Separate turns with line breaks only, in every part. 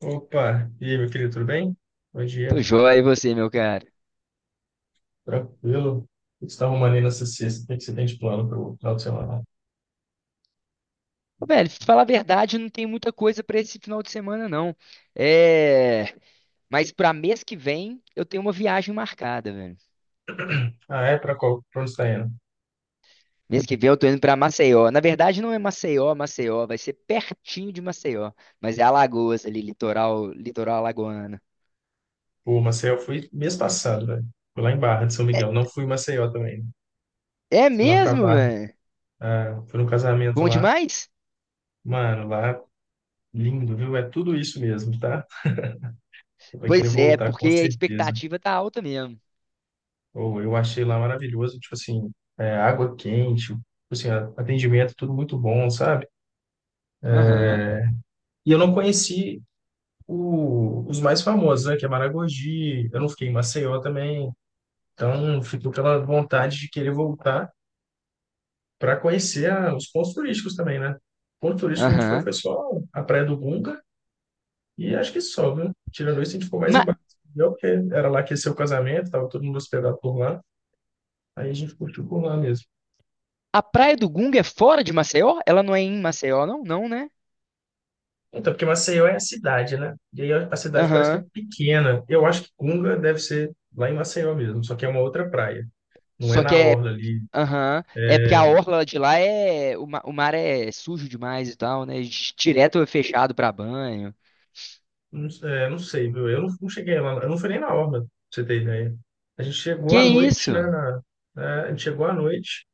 Opa, e aí, meu querido, tudo bem? Bom
Tô
dia,
joia, e você, meu cara?
tranquilo. O que você está arrumando aí nessa sexta? O que que você tem de plano para o final de semana?
Ô, velho, pra te falar a verdade, não tem muita coisa pra esse final de semana, não. É... Mas pra mês que vem, eu tenho uma viagem marcada, velho.
Ah, é? Para qual? Para onde você está indo?
Mês que vem eu tô indo pra Maceió. Na verdade, não é Maceió, Maceió. Vai ser pertinho de Maceió. Mas é Alagoas ali, litoral, litoral alagoano.
Pô, Maceió, eu fui mês passado, velho. Fui lá em Barra de São
É,
Miguel. Não fui em Maceió também.
é
Fui lá para
mesmo,
Barra.
velho?
Ah, fui num casamento
Bom
lá.
demais?
Mano, lá, lindo, viu? É tudo isso mesmo, tá? Você vai querer
Pois é,
voltar
porque
com
a
certeza.
expectativa tá alta mesmo.
Ou eu achei lá maravilhoso, tipo assim, é, água quente, tipo assim, atendimento, tudo muito bom, sabe?
Aham,
E eu não conheci os mais famosos, né? Que é Maragogi, eu não fiquei em Maceió também, então fico pela vontade de querer voltar para conhecer os pontos turísticos também, né? O ponto turístico que a gente foi
aham.
foi só a Praia do Gunga e acho que só, viu? Tirando isso, a gente ficou mais
Mas
embaixo, entendeu? Porque era lá que ia ser o casamento, tava todo mundo hospedado por lá, aí a gente curtiu por lá mesmo.
a Praia do Gunga é fora de Maceió? Ela não é em Maceió, não? Não, né?
Então, porque Maceió é a cidade, né? E aí a cidade parece que
Aham.
é pequena. Eu acho que Gunga deve ser lá em Maceió mesmo, só que é uma outra praia. Não é
Só que
na
é.
orla ali.
Aham. É porque a orla de lá é. O mar é sujo demais e tal, né? Direto é fechado pra banho.
Não, é, não sei, viu? Eu não, não cheguei lá, eu não fui nem na Orla, pra você ter ideia. A gente chegou
Que
à noite, né?
isso?
Né, a gente chegou à noite,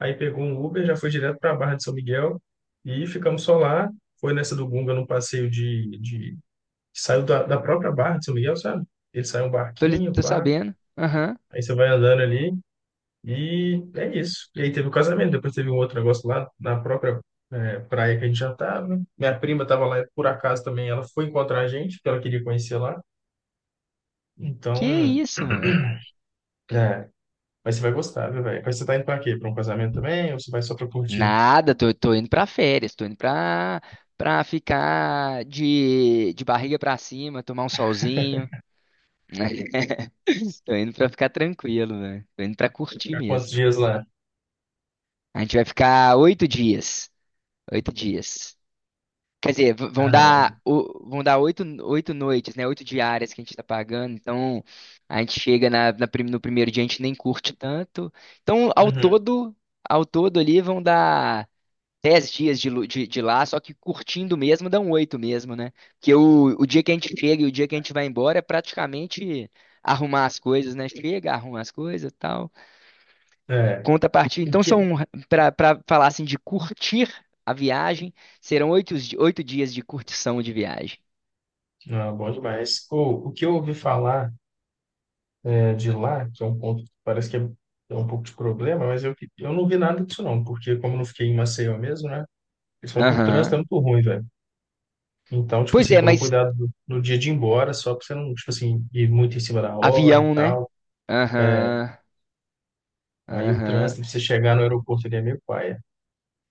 aí pegou um Uber, já foi direto para a Barra de São Miguel e ficamos só lá. Foi nessa do Gunga, num passeio de... que saiu da própria Barra de São Miguel, sabe? Ele saiu um
Tô, li-
barquinho,
tô
pá,
sabendo. Aham.
aí você vai andando ali e é isso. E aí teve o casamento, depois teve um outro negócio lá na própria é, praia que a gente já tava. Minha prima tava lá, por acaso também, ela foi encontrar a gente, porque ela queria conhecer lá. Então,
Que isso, mano?
é, mas você vai gostar, viu, velho? Mas você tá indo pra quê? Pra um casamento também? Ou você vai só pra curtir?
Nada, tô indo pra férias, tô indo pra ficar de barriga pra cima, tomar um solzinho. Tô indo pra ficar tranquilo, velho. Tô indo pra curtir
Ficar quantos
mesmo.
dias lá?
A gente vai ficar oito dias. Oito dias. Quer dizer, v- vão
Ah, não.
dar, o- vão dar oito noites, né? Oito diárias que a gente está pagando. Então, a gente chega no primeiro dia, a gente nem curte tanto. Então, ao
Uhum.
todo, ao todo ali vão dar dez dias de lá, só que curtindo mesmo, dão oito mesmo, né? Porque o dia que a gente chega e o dia que a gente vai embora é praticamente arrumar as coisas, né? Chega, arruma as coisas e tal.
É.
Contrapartida.
O
Então, são,
que...
para falar assim, de curtir a viagem, serão oito dias de curtição de viagem.
Não, bom demais. O que eu ouvi falar é, de lá, que é um ponto que parece que é, é um pouco de problema, mas eu não vi nada disso não, porque como eu não fiquei em Maceió mesmo, né? Eles falam que o trânsito é
Aham.
muito ruim, velho. Então, tipo
Pois
assim,
é,
toma
mas
cuidado no dia de ir embora, só pra você não, tipo assim, ir muito em cima da hora e
avião, né?
tal. É,
Aham,
aí o
aham.
trânsito, pra você chegar no aeroporto, ele é meio paia.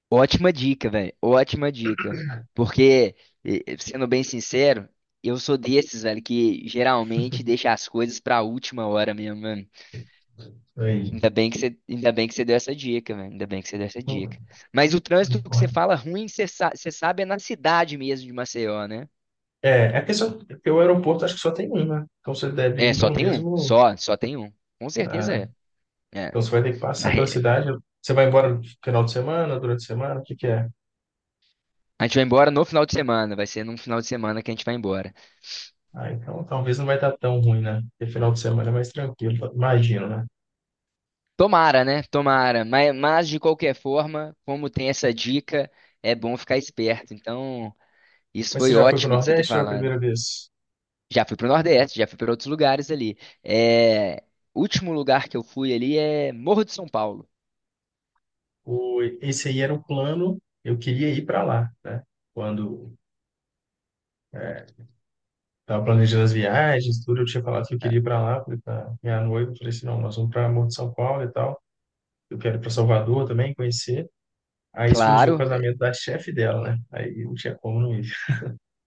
Ótima dica, velho. Ótima dica. Porque, sendo bem sincero, eu sou desses, velho, que geralmente deixa as coisas pra última hora mesmo, mano.
Aí,
Ainda bem que você deu essa dica, velho. Ainda bem que você deu essa
não,
dica. Mas o trânsito
não
que você
pode.
fala ruim, você sabe, é na cidade mesmo de Maceió, né?
É, a questão é que o aeroporto acho que só tem um, né? Então você deve
É,
ir
só
pelo
tem um.
mesmo.
Só tem um. Com certeza
Ah,
é. É.
então você vai ter que
Na
passar pela
re-
cidade. Você vai embora no final de semana, durante a semana, o que que é?
A gente vai embora no final de semana. Vai ser num final de semana que a gente vai embora.
Ah, então talvez não vai estar tão ruim, né? Porque final de semana é mais tranquilo, imagino, né?
Tomara, né? Tomara. Mas de qualquer forma, como tem essa dica, é bom ficar esperto. Então, isso
Mas você
foi
já foi para o
ótimo de você ter
Nordeste ou é a
falado.
primeira vez?
Já fui pro Nordeste, já fui para outros lugares ali. É, último lugar que eu fui ali é Morro de São Paulo.
O, esse aí era o plano, eu queria ir para lá, né? Quando estava planejando as viagens, tudo, eu tinha falado que eu queria ir para lá, falei para minha noiva, falei assim, não, nós vamos para Morro de São Paulo e tal. Eu quero ir para Salvador também, conhecer. Aí surgiu o
Claro,
casamento da chefe dela, né? Aí não tinha como não ir.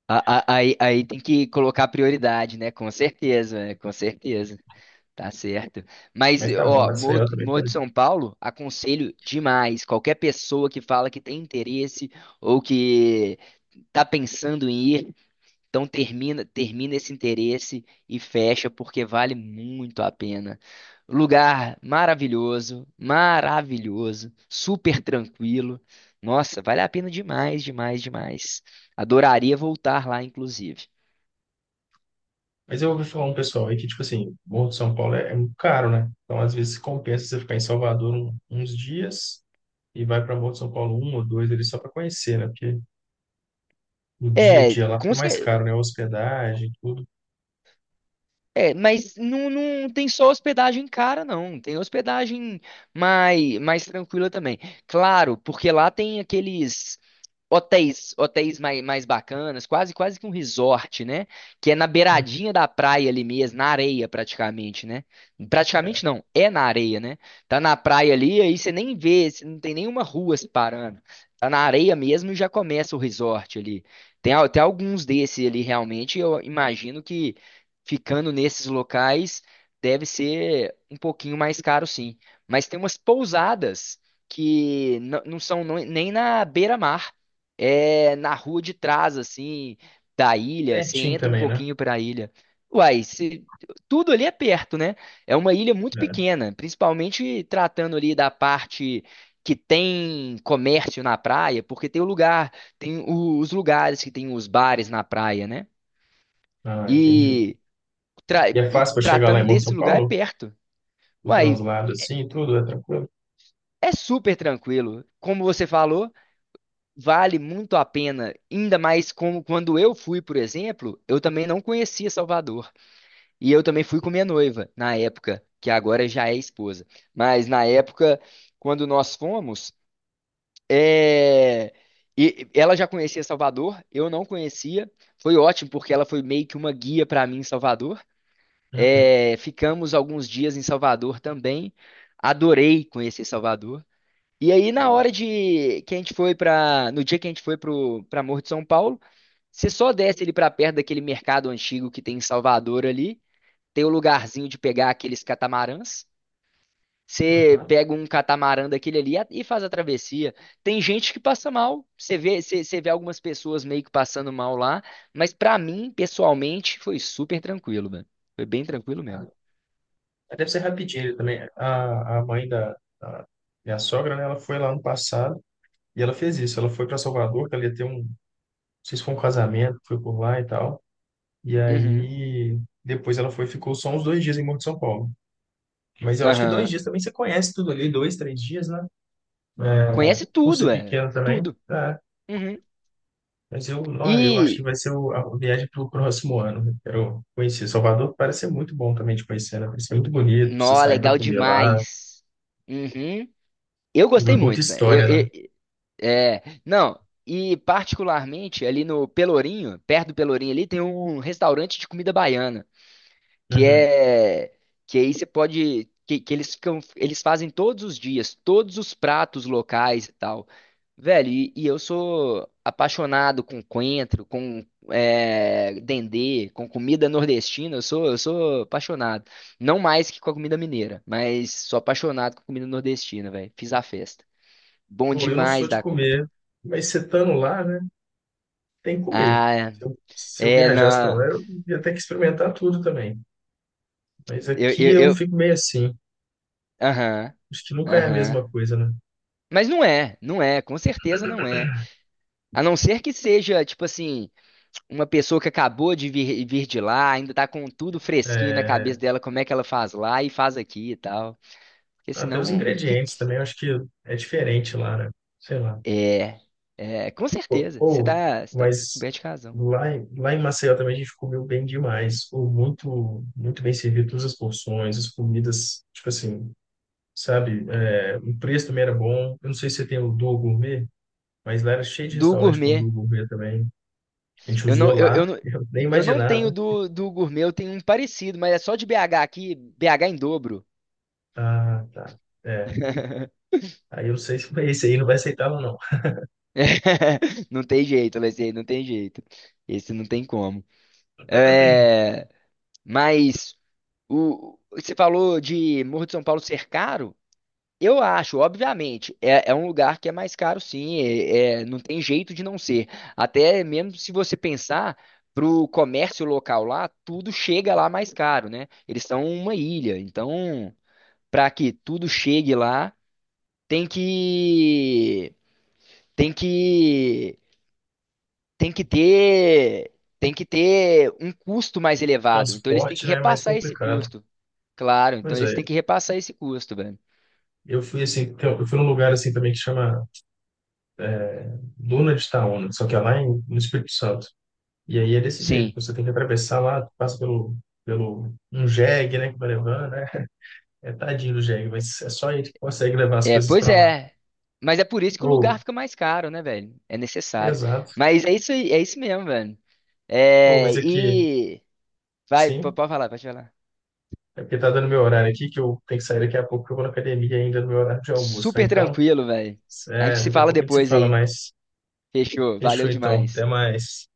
aí tem que colocar prioridade, né? Com certeza, né? Com certeza. Tá certo. Mas,
Mas tá bom,
ó, Morro,
Maceió
do-
também.
Morro
Quero.
de São Paulo, aconselho demais. Qualquer pessoa que fala que tem interesse ou que tá pensando em ir, então termina esse interesse e fecha porque vale muito a pena. Lugar maravilhoso, maravilhoso, super tranquilo. Nossa, vale a pena demais, demais, demais. Adoraria voltar lá, inclusive.
Mas eu ouvi falar um pessoal aí que, tipo assim, Morro de São Paulo é, é muito caro, né? Então, às vezes, compensa você ficar em Salvador uns dias e vai para Morro de São Paulo um ou dois ali só para conhecer, né? Porque o dia a
É,
dia lá fica
com
mais caro,
cer-
né? Hospedagem, tudo.
mas não tem só hospedagem cara, não. Tem hospedagem mais tranquila também. Claro, porque lá tem aqueles hotéis mais bacanas, quase quase que um resort, né? Que é na
Hum,
beiradinha da praia ali mesmo, na areia praticamente, né? Praticamente não, é na areia, né? Tá na praia ali, aí você nem vê, você não tem nenhuma rua separando. Tá na areia mesmo e já começa o resort ali. Tem até alguns desses ali realmente, eu imagino que ficando nesses locais deve ser um pouquinho mais caro sim. Mas tem umas pousadas que não são nem na beira-mar, é na rua de trás, assim, da ilha. Você
Pertinho
entra um
também, né?
pouquinho para a ilha. Uai, tudo ali é perto, né? É uma ilha muito
É.
pequena, principalmente tratando ali da parte que tem comércio na praia, porque tem o lugar, tem o- os lugares que tem os bares na praia, né?
Ah, entendi.
E, tra-
E é
e
fácil para chegar lá em
tratando
Morro de São
desse lugar é
Paulo?
perto.
O
Uai,
translado assim, tudo, é tranquilo?
é super tranquilo. Como você falou. Vale muito a pena, ainda mais como quando eu fui, por exemplo, eu também não conhecia Salvador. E eu também fui com minha noiva, na época, que agora já é esposa. Mas na época, quando nós fomos, é, e ela já conhecia Salvador, eu não conhecia. Foi ótimo, porque ela foi meio que uma guia para mim em Salvador.
Uhum.
É, ficamos alguns dias em Salvador também. Adorei conhecer Salvador. E aí, na
Bom.
hora de que a gente foi para, no dia que a gente foi pro para Morro de São Paulo, você só desce ali para perto daquele mercado antigo que tem em Salvador ali, tem o lugarzinho de pegar aqueles catamarãs. Você
Aham.
pega um catamarã daquele ali e faz a travessia. Tem gente que passa mal. Você vê, você vê algumas pessoas meio que passando mal lá, mas pra mim, pessoalmente, foi super tranquilo, velho. Foi bem tranquilo mesmo.
Deve ser rapidinho também. A mãe da, a minha sogra, né, ela foi lá no passado e ela fez isso. Ela foi para Salvador, que ela ia ter um, não sei se foi um casamento, foi por lá e tal. E
Uhum.
aí depois ela foi, e ficou só uns dois dias em Morro de São Paulo. Mas eu acho que dois
Aham.
dias também você conhece tudo ali, dois, três dias, né?
Conhece
É, por ser
tudo, é.
pequeno também,
Tudo.
tá.
Uhum.
Mas eu, ó, eu acho que
E
vai ser a viagem para o próximo ano. Eu quero conhecer Salvador, parece ser muito bom também de conhecer, né? Parece ser muito bonito, você
nó,
sair para
legal
comer lá,
demais. Uhum. Eu gostei
muita
muito, velho.
história, né?
É, não, e particularmente ali no Pelourinho, perto do Pelourinho ali, tem um restaurante de comida baiana que
Uhum.
é que aí você pode que eles fazem todos os dias todos os pratos locais e tal, velho. E eu sou apaixonado com coentro, com dendê, com comida nordestina. Eu sou apaixonado, não mais que com a comida mineira, mas sou apaixonado com comida nordestina, velho. Fiz a festa. Bom
Pô, eu não sou
demais
de
da conta.
comer, mas você estando lá, né, tem que comer.
Ah,
Se eu, se eu
é,
viajasse para
não.
lá, eu ia ter que experimentar tudo também. Mas
eu
aqui
eu,
eu
eu
fico meio assim.
aham,
Acho que nunca é a
aham,
mesma coisa, né?
mas não é, não é, com certeza, não é. A não ser que seja, tipo assim, uma pessoa que acabou de vir, de lá, ainda tá com tudo fresquinho na
É,
cabeça dela, como é que ela faz lá e faz aqui e tal. Porque
até os
senão,
ingredientes
fique.
também, eu acho que é diferente lá, né? Sei lá.
É, é, com certeza. Você
Ou-
tá, você tá
mas
coberto de razão.
lá em Maceió também a gente comeu bem demais. Ou muito, muito bem servido, todas as porções, as comidas, tipo assim, sabe? É, o preço também era bom. Eu não sei se você tem o Duo Gourmet. Mas lá era cheio de
Do
restaurante com
gourmet.
do gourmet também. A gente
Eu não,
usou
eu, eu
lá,
não,
eu nem
eu não tenho
imaginava.
do gourmet, eu tenho um parecido, mas é só de BH aqui, BH em dobro.
Ah, tá. É. Aí eu não sei se esse aí não vai aceitar ou não.
Não tem jeito, Alessandro, não tem jeito. Esse não tem como. É, mas. O, você falou de Morro de São Paulo ser caro? Eu acho, obviamente, é um lugar que é mais caro, sim, não tem jeito de não ser. Até mesmo se você pensar para o comércio local lá, tudo chega lá mais caro, né? Eles são uma ilha, então para que tudo chegue lá, tem que tem que tem que ter tem que ter um custo mais elevado. Então eles têm
Transporte,
que
né? É mais
repassar esse
complicado.
custo. Claro, então
Mas é,
eles têm que repassar esse custo, velho.
eu fui assim, tem- um, eu fui num lugar assim também que chama Duna de Itaúna, só que é lá em, no Espírito Santo. E aí é desse jeito,
Sim.
você tem que atravessar lá, passa pelo, pelo um jegue, né, que vai levando, né? É tadinho do jegue, mas é só ele que consegue levar as
É,
coisas
pois
para lá.
é. Mas é por isso que o
Ou,
lugar fica mais caro, né, velho? É necessário.
exato.
Mas é isso aí, é isso mesmo, velho.
Ou,
É,
mas aqui,
e vai,
sim.
pode falar, pode falar.
É porque tá dando meu horário aqui, que eu tenho que sair daqui a pouco, que eu vou na academia ainda no meu horário de almoço, né?
Super
Então,
tranquilo, velho. A gente
é,
se
daqui a
fala
pouco a gente se
depois
fala
aí.
mais.
Fechou. Valeu
Fechou então, até
demais.
mais.